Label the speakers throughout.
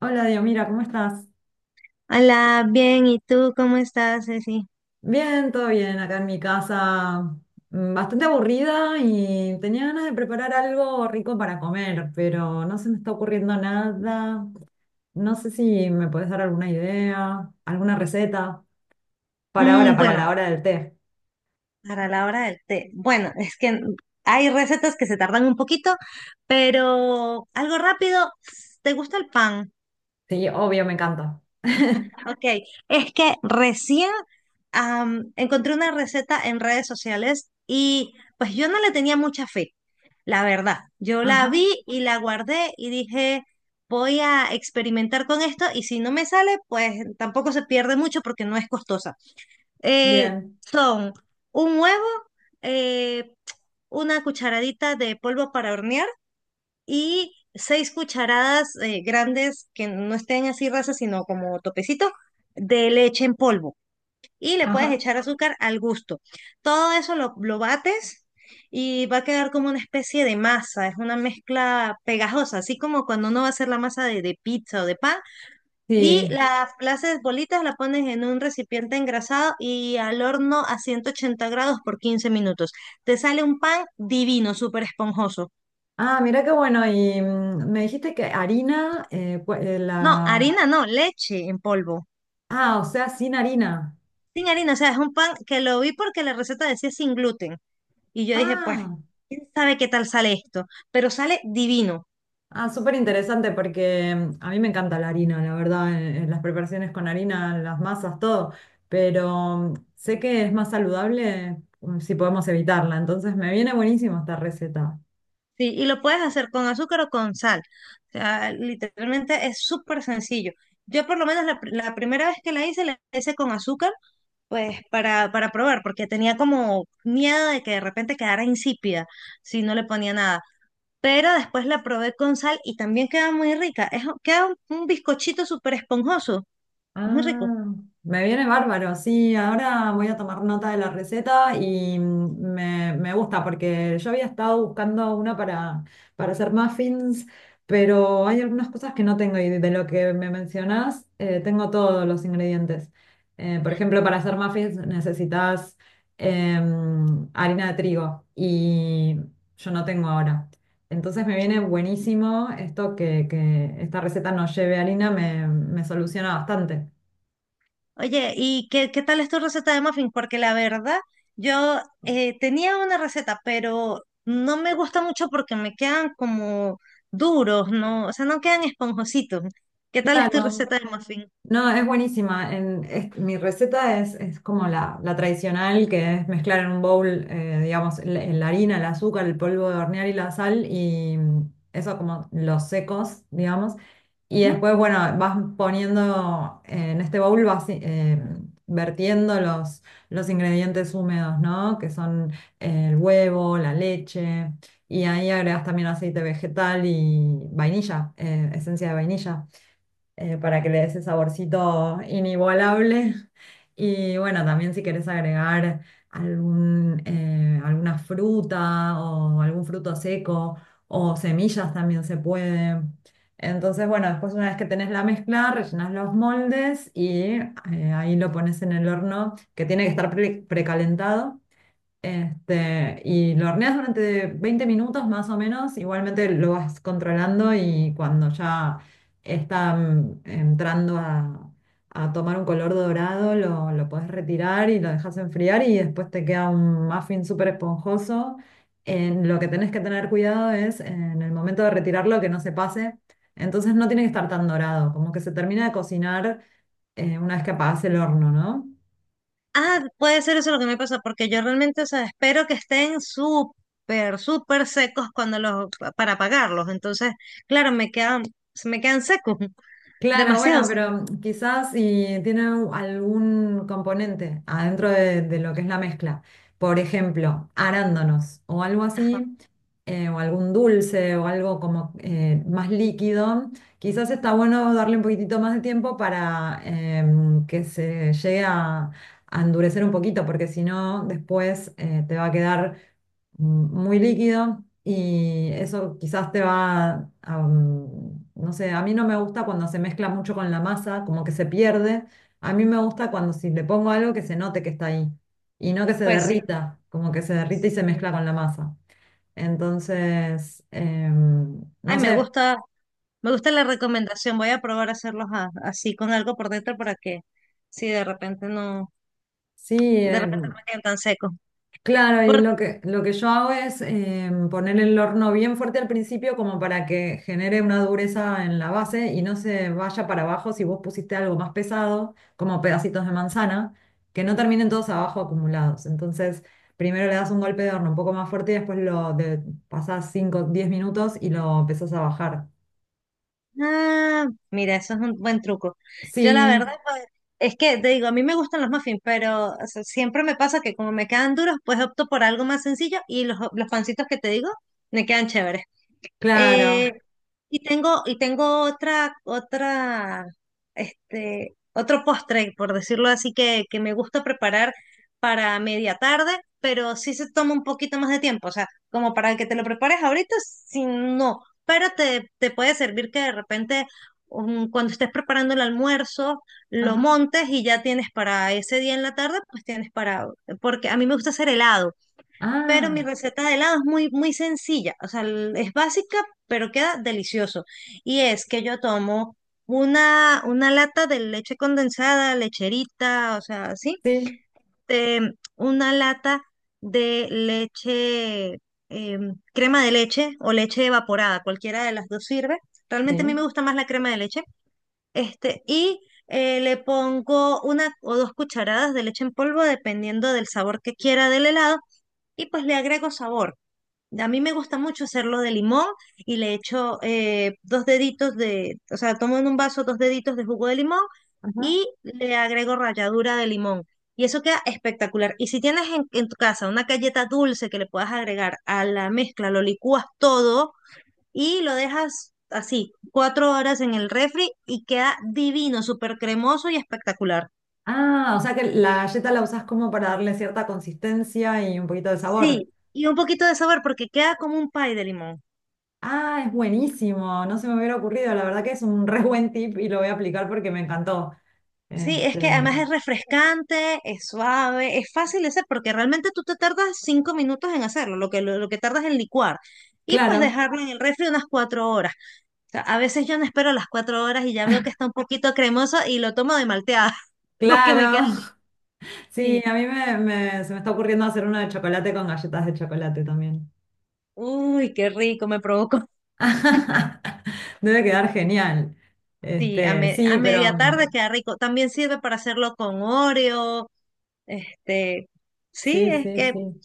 Speaker 1: Hola, Dios, mira, ¿cómo estás?
Speaker 2: Hola, bien, ¿y tú cómo estás, Ceci?
Speaker 1: Bien, todo bien, acá en mi casa, bastante aburrida y tenía ganas de preparar algo rico para comer, pero no se me está ocurriendo nada. No sé si me puedes dar alguna idea, alguna receta para ahora, para la
Speaker 2: Bueno,
Speaker 1: hora del té.
Speaker 2: para la hora del té. Bueno, es que hay recetas que se tardan un poquito, pero algo rápido. ¿Te gusta el pan?
Speaker 1: Sí, obvio, me encanta.
Speaker 2: Ok, es que recién encontré una receta en redes sociales y pues yo no le tenía mucha fe, la verdad. Yo la
Speaker 1: Ajá,
Speaker 2: vi y la guardé y dije, voy a experimentar con esto y si no me sale, pues tampoco se pierde mucho porque no es costosa.
Speaker 1: bien,
Speaker 2: Son un huevo, eh, una cucharadita de polvo para hornear y seis cucharadas grandes que no estén así rasas, sino como topecito, de leche en polvo. Y le puedes
Speaker 1: ajá,
Speaker 2: echar azúcar al gusto. Todo eso lo bates y va a quedar como una especie de masa. Es una mezcla pegajosa, así como cuando uno va a hacer la masa de pizza o de pan. Y
Speaker 1: sí.
Speaker 2: las bolitas las pones en un recipiente engrasado y al horno a 180 grados por 15 minutos. Te sale un pan divino, súper esponjoso.
Speaker 1: Ah, mira qué bueno, y me dijiste que harina,
Speaker 2: No,
Speaker 1: la...
Speaker 2: harina no, leche en polvo.
Speaker 1: Ah, o sea, sin harina.
Speaker 2: Sin harina, o sea, es un pan que lo vi porque la receta decía sin gluten. Y yo dije, pues,
Speaker 1: Ah.
Speaker 2: quién sabe qué tal sale esto, pero sale divino.
Speaker 1: Ah, súper interesante porque a mí me encanta la harina, la verdad, en las preparaciones con harina, las masas, todo, pero sé que es más saludable si podemos evitarla, entonces me viene buenísimo esta receta.
Speaker 2: Sí, y lo puedes hacer con azúcar o con sal. O sea, literalmente es súper sencillo. Yo por lo menos la primera vez que la hice con azúcar. Pues para probar, porque tenía como miedo de que de repente quedara insípida si no le ponía nada. Pero después la probé con sal y también queda muy rica. Es, queda un bizcochito súper esponjoso. Es muy rico.
Speaker 1: Ah, me viene bárbaro, sí, ahora voy a tomar nota de la receta y me gusta porque yo había estado buscando una para hacer muffins, pero hay algunas cosas que no tengo y de lo que me mencionás tengo todos los ingredientes. Por ejemplo, para hacer muffins necesitas harina de trigo y yo no tengo ahora. Entonces me viene buenísimo esto que esta receta no lleve harina, me soluciona bastante.
Speaker 2: Oye, ¿y qué tal es tu receta de muffin? Porque la verdad, yo tenía una receta, pero no me gusta mucho porque me quedan como duros, ¿no? O sea, no quedan esponjositos. ¿Qué tal es tu
Speaker 1: Claro,
Speaker 2: receta de muffin?
Speaker 1: no, es buenísima. Mi receta es como la tradicional, que es mezclar en un bowl, digamos, la harina, el azúcar, el polvo de hornear y la sal, y eso como los secos, digamos. Y después, bueno, vas poniendo en este bowl, vas vertiendo los ingredientes húmedos, ¿no? Que son el huevo, la leche, y ahí agregas también aceite vegetal y vainilla, esencia de vainilla para que le dé ese saborcito inigualable. Y bueno, también si querés agregar alguna fruta o algún fruto seco o semillas también se puede. Entonces, bueno, después una vez que tenés la mezcla, rellenás los moldes y ahí lo pones en el horno que tiene que estar precalentado y lo horneas durante 20 minutos más o menos, igualmente lo vas controlando y cuando ya está entrando a tomar un color dorado, lo puedes retirar y lo dejas enfriar y después te queda un muffin súper esponjoso. En lo que tenés que tener cuidado es en el momento de retirarlo que no se pase, entonces no tiene que estar tan dorado, como que se termina de cocinar una vez que apagás el horno, ¿no?
Speaker 2: Ah, puede ser eso lo que me pasa, porque yo realmente, o sea, espero que estén súper, súper secos cuando para pagarlos. Entonces, claro, me quedan, se me quedan secos,
Speaker 1: Claro, bueno,
Speaker 2: demasiado secos.
Speaker 1: pero quizás si tiene algún componente adentro de lo que es la mezcla, por ejemplo, arándanos o algo así, o algún dulce o algo como más líquido, quizás está bueno darle un poquitito más de tiempo para que se llegue a endurecer un poquito, porque si no, después te va a quedar muy líquido y eso quizás te va a, no sé, a mí no me gusta cuando se mezcla mucho con la masa, como que se pierde. A mí me gusta cuando si le pongo algo que se note que está ahí y no que se
Speaker 2: Pues sí.
Speaker 1: derrita, como que se derrite y se
Speaker 2: Sí.
Speaker 1: mezcla con la masa. Entonces,
Speaker 2: Ay,
Speaker 1: no sé,
Speaker 2: me gusta la recomendación. Voy a probar a hacerlos así con algo por dentro para que, si de repente no,
Speaker 1: sí,
Speaker 2: de repente no me queden tan secos.
Speaker 1: claro, y lo que yo hago es poner el horno bien fuerte al principio como para que genere una dureza en la base y no se vaya para abajo si vos pusiste algo más pesado, como pedacitos de manzana, que no terminen todos abajo acumulados. Entonces, primero le das un golpe de horno un poco más fuerte y después pasás 5 o 10 minutos y lo empezás a bajar.
Speaker 2: Ah, mira, eso es un buen truco. Yo la
Speaker 1: Sí,
Speaker 2: verdad, pues, es que te digo, a mí me gustan los muffins, pero o sea, siempre me pasa que como me quedan duros, pues opto por algo más sencillo y los pancitos que te digo me quedan chéveres. Eh,
Speaker 1: claro.
Speaker 2: y tengo este, otro postre, por decirlo así, que me gusta preparar para media tarde, pero sí se toma un poquito más de tiempo. O sea, como para que te lo prepares ahorita, si no. Pero te puede servir que de repente, cuando estés preparando el almuerzo, lo
Speaker 1: Ajá.
Speaker 2: montes y ya tienes para ese día en la tarde, pues tienes para, porque a mí me gusta hacer helado. Pero
Speaker 1: Ah,
Speaker 2: mi receta de helado es muy, muy sencilla, o sea, es básica, pero queda delicioso. Y es que yo tomo una lata de leche condensada, lecherita, o sea, así,
Speaker 1: sí,
Speaker 2: una lata de leche, crema de leche o leche evaporada, cualquiera de las dos sirve. Realmente a mí me
Speaker 1: sí.
Speaker 2: gusta más la crema de leche, este, y le pongo una o dos cucharadas de leche en polvo, dependiendo del sabor que quiera del helado, y pues le agrego sabor. A mí me gusta mucho hacerlo de limón y le echo dos deditos de, o sea, tomo en un vaso dos deditos de jugo de limón y le agrego ralladura de limón. Y eso queda espectacular. Y si tienes en tu casa una galleta dulce que le puedas agregar a la mezcla, lo licúas todo y lo dejas así, 4 horas en el refri y queda divino, súper cremoso y espectacular.
Speaker 1: Ah, o sea que la galleta la usás como para darle cierta consistencia y un poquito de sabor.
Speaker 2: Sí, y un poquito de sabor porque queda como un pie de limón.
Speaker 1: Ah, es buenísimo, no se me hubiera ocurrido, la verdad que es un re buen tip y lo voy a aplicar porque me encantó.
Speaker 2: Sí, es que
Speaker 1: Este,
Speaker 2: además es refrescante, es suave, es fácil de hacer porque realmente tú te tardas 5 minutos en hacerlo, lo que tardas en licuar. Y pues
Speaker 1: claro,
Speaker 2: dejarlo en el refri unas 4 horas. O sea, a veces yo no espero las 4 horas y ya veo que está un poquito cremoso y lo tomo de malteada porque me
Speaker 1: claro.
Speaker 2: queda bien.
Speaker 1: Sí,
Speaker 2: Sí,
Speaker 1: a mí se me está ocurriendo hacer uno de chocolate con galletas de chocolate también.
Speaker 2: uy, qué rico, me provocó.
Speaker 1: Debe quedar genial.
Speaker 2: Sí, a, me-
Speaker 1: Sí,
Speaker 2: a
Speaker 1: pero
Speaker 2: media tarde queda rico. También sirve para hacerlo con Oreo. Este, sí,
Speaker 1: sí,
Speaker 2: es
Speaker 1: sí,
Speaker 2: que
Speaker 1: sí.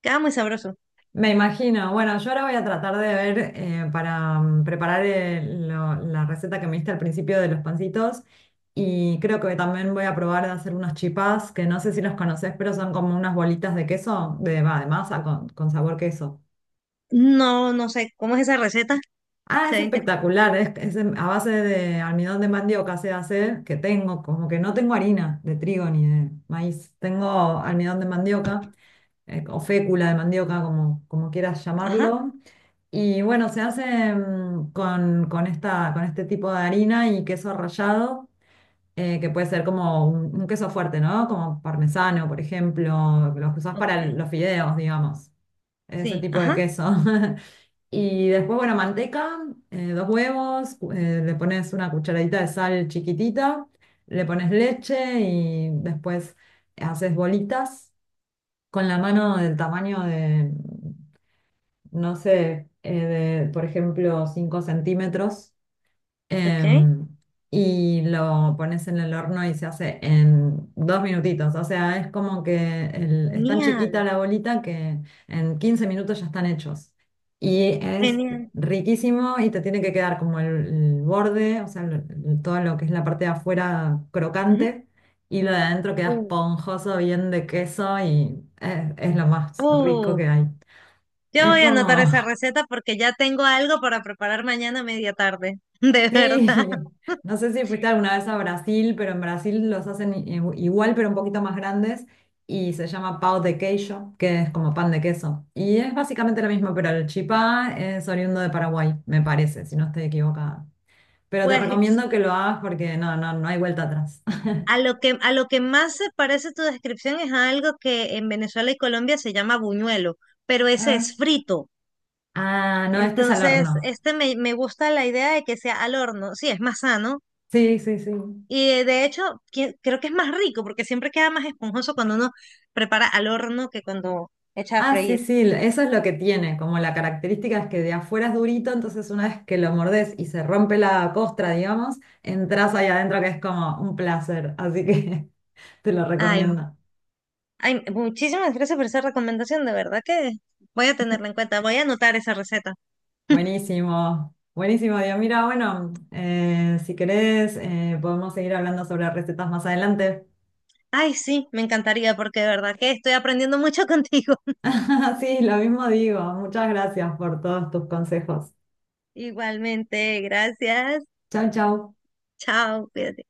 Speaker 2: queda muy sabroso.
Speaker 1: Me imagino. Bueno, yo ahora voy a tratar de ver para preparar la receta que me diste al principio de los pancitos. Y creo que también voy a probar de hacer unas chipás, que no sé si los conoces, pero son como unas bolitas de queso, de masa con sabor queso.
Speaker 2: No, no sé, ¿cómo es esa receta?
Speaker 1: Ah,
Speaker 2: Se
Speaker 1: es
Speaker 2: ve interesante.
Speaker 1: espectacular. Es a base de almidón de mandioca se hace, que tengo, como que no tengo harina de trigo ni de maíz. Tengo almidón de mandioca. O fécula de mandioca, como quieras
Speaker 2: Ajá,
Speaker 1: llamarlo. Y bueno, se hace con este tipo de harina y queso rallado, que puede ser como un queso fuerte, ¿no? Como parmesano, por ejemplo, los que usás
Speaker 2: ok.
Speaker 1: para los fideos, digamos, ese
Speaker 2: Sí,
Speaker 1: tipo de
Speaker 2: ajá,
Speaker 1: queso. Y después, bueno, manteca, dos huevos, le pones una cucharadita de sal chiquitita, le pones leche y después haces bolitas con la mano del tamaño de, no sé, de, por ejemplo, 5 centímetros,
Speaker 2: ok.
Speaker 1: em, y lo pones en el horno y se hace en 2 minutitos. O sea, es como que es tan chiquita
Speaker 2: Genial,
Speaker 1: la bolita que en 15 minutos ya están hechos. Y es
Speaker 2: genial.
Speaker 1: riquísimo y te tiene que quedar como el borde, o sea, todo lo que es la parte de afuera
Speaker 2: Ujú.
Speaker 1: crocante y lo de adentro queda
Speaker 2: Uh,
Speaker 1: esponjoso, bien de queso y es lo más rico
Speaker 2: uh,
Speaker 1: que hay.
Speaker 2: yo
Speaker 1: Es
Speaker 2: voy a anotar esa
Speaker 1: como
Speaker 2: receta porque ya tengo algo para preparar mañana a media tarde, de verdad.
Speaker 1: Sí, no sé si fuiste alguna vez a Brasil, pero en Brasil los hacen igual, pero un poquito más grandes y se llama pão de queijo, que es como pan de queso. Y es básicamente lo mismo, pero el chipá es oriundo de Paraguay, me parece, si no estoy equivocada. Pero te
Speaker 2: Pues
Speaker 1: recomiendo que lo hagas porque no, no, no hay vuelta atrás.
Speaker 2: a lo que más se parece tu descripción es a algo que en Venezuela y Colombia se llama buñuelo, pero ese
Speaker 1: Ah,
Speaker 2: es frito.
Speaker 1: Ah, no, este es al
Speaker 2: Entonces,
Speaker 1: horno.
Speaker 2: este me gusta la idea de que sea al horno. Sí, es más sano.
Speaker 1: Sí, sí, sí.
Speaker 2: Y de hecho, creo que es más rico porque siempre queda más esponjoso cuando uno prepara al horno que cuando echa a
Speaker 1: Ah, sí,
Speaker 2: freír.
Speaker 1: sí, eso es lo que tiene, como la característica es que de afuera es durito, entonces una vez que lo mordés y se rompe la costra, digamos, entras ahí adentro que es como un placer, así que te lo
Speaker 2: Ay, claro.
Speaker 1: recomiendo.
Speaker 2: Ay, muchísimas gracias por esa recomendación, de verdad que voy a tenerla en cuenta, voy a anotar esa receta.
Speaker 1: Buenísimo, buenísimo, Dios. Mira, bueno, si querés, podemos seguir hablando sobre recetas más adelante.
Speaker 2: Ay, sí, me encantaría porque de verdad que estoy aprendiendo mucho contigo.
Speaker 1: Sí, lo mismo digo, muchas gracias por todos tus consejos.
Speaker 2: Igualmente, gracias.
Speaker 1: Chau, chau.
Speaker 2: Chao, cuídate.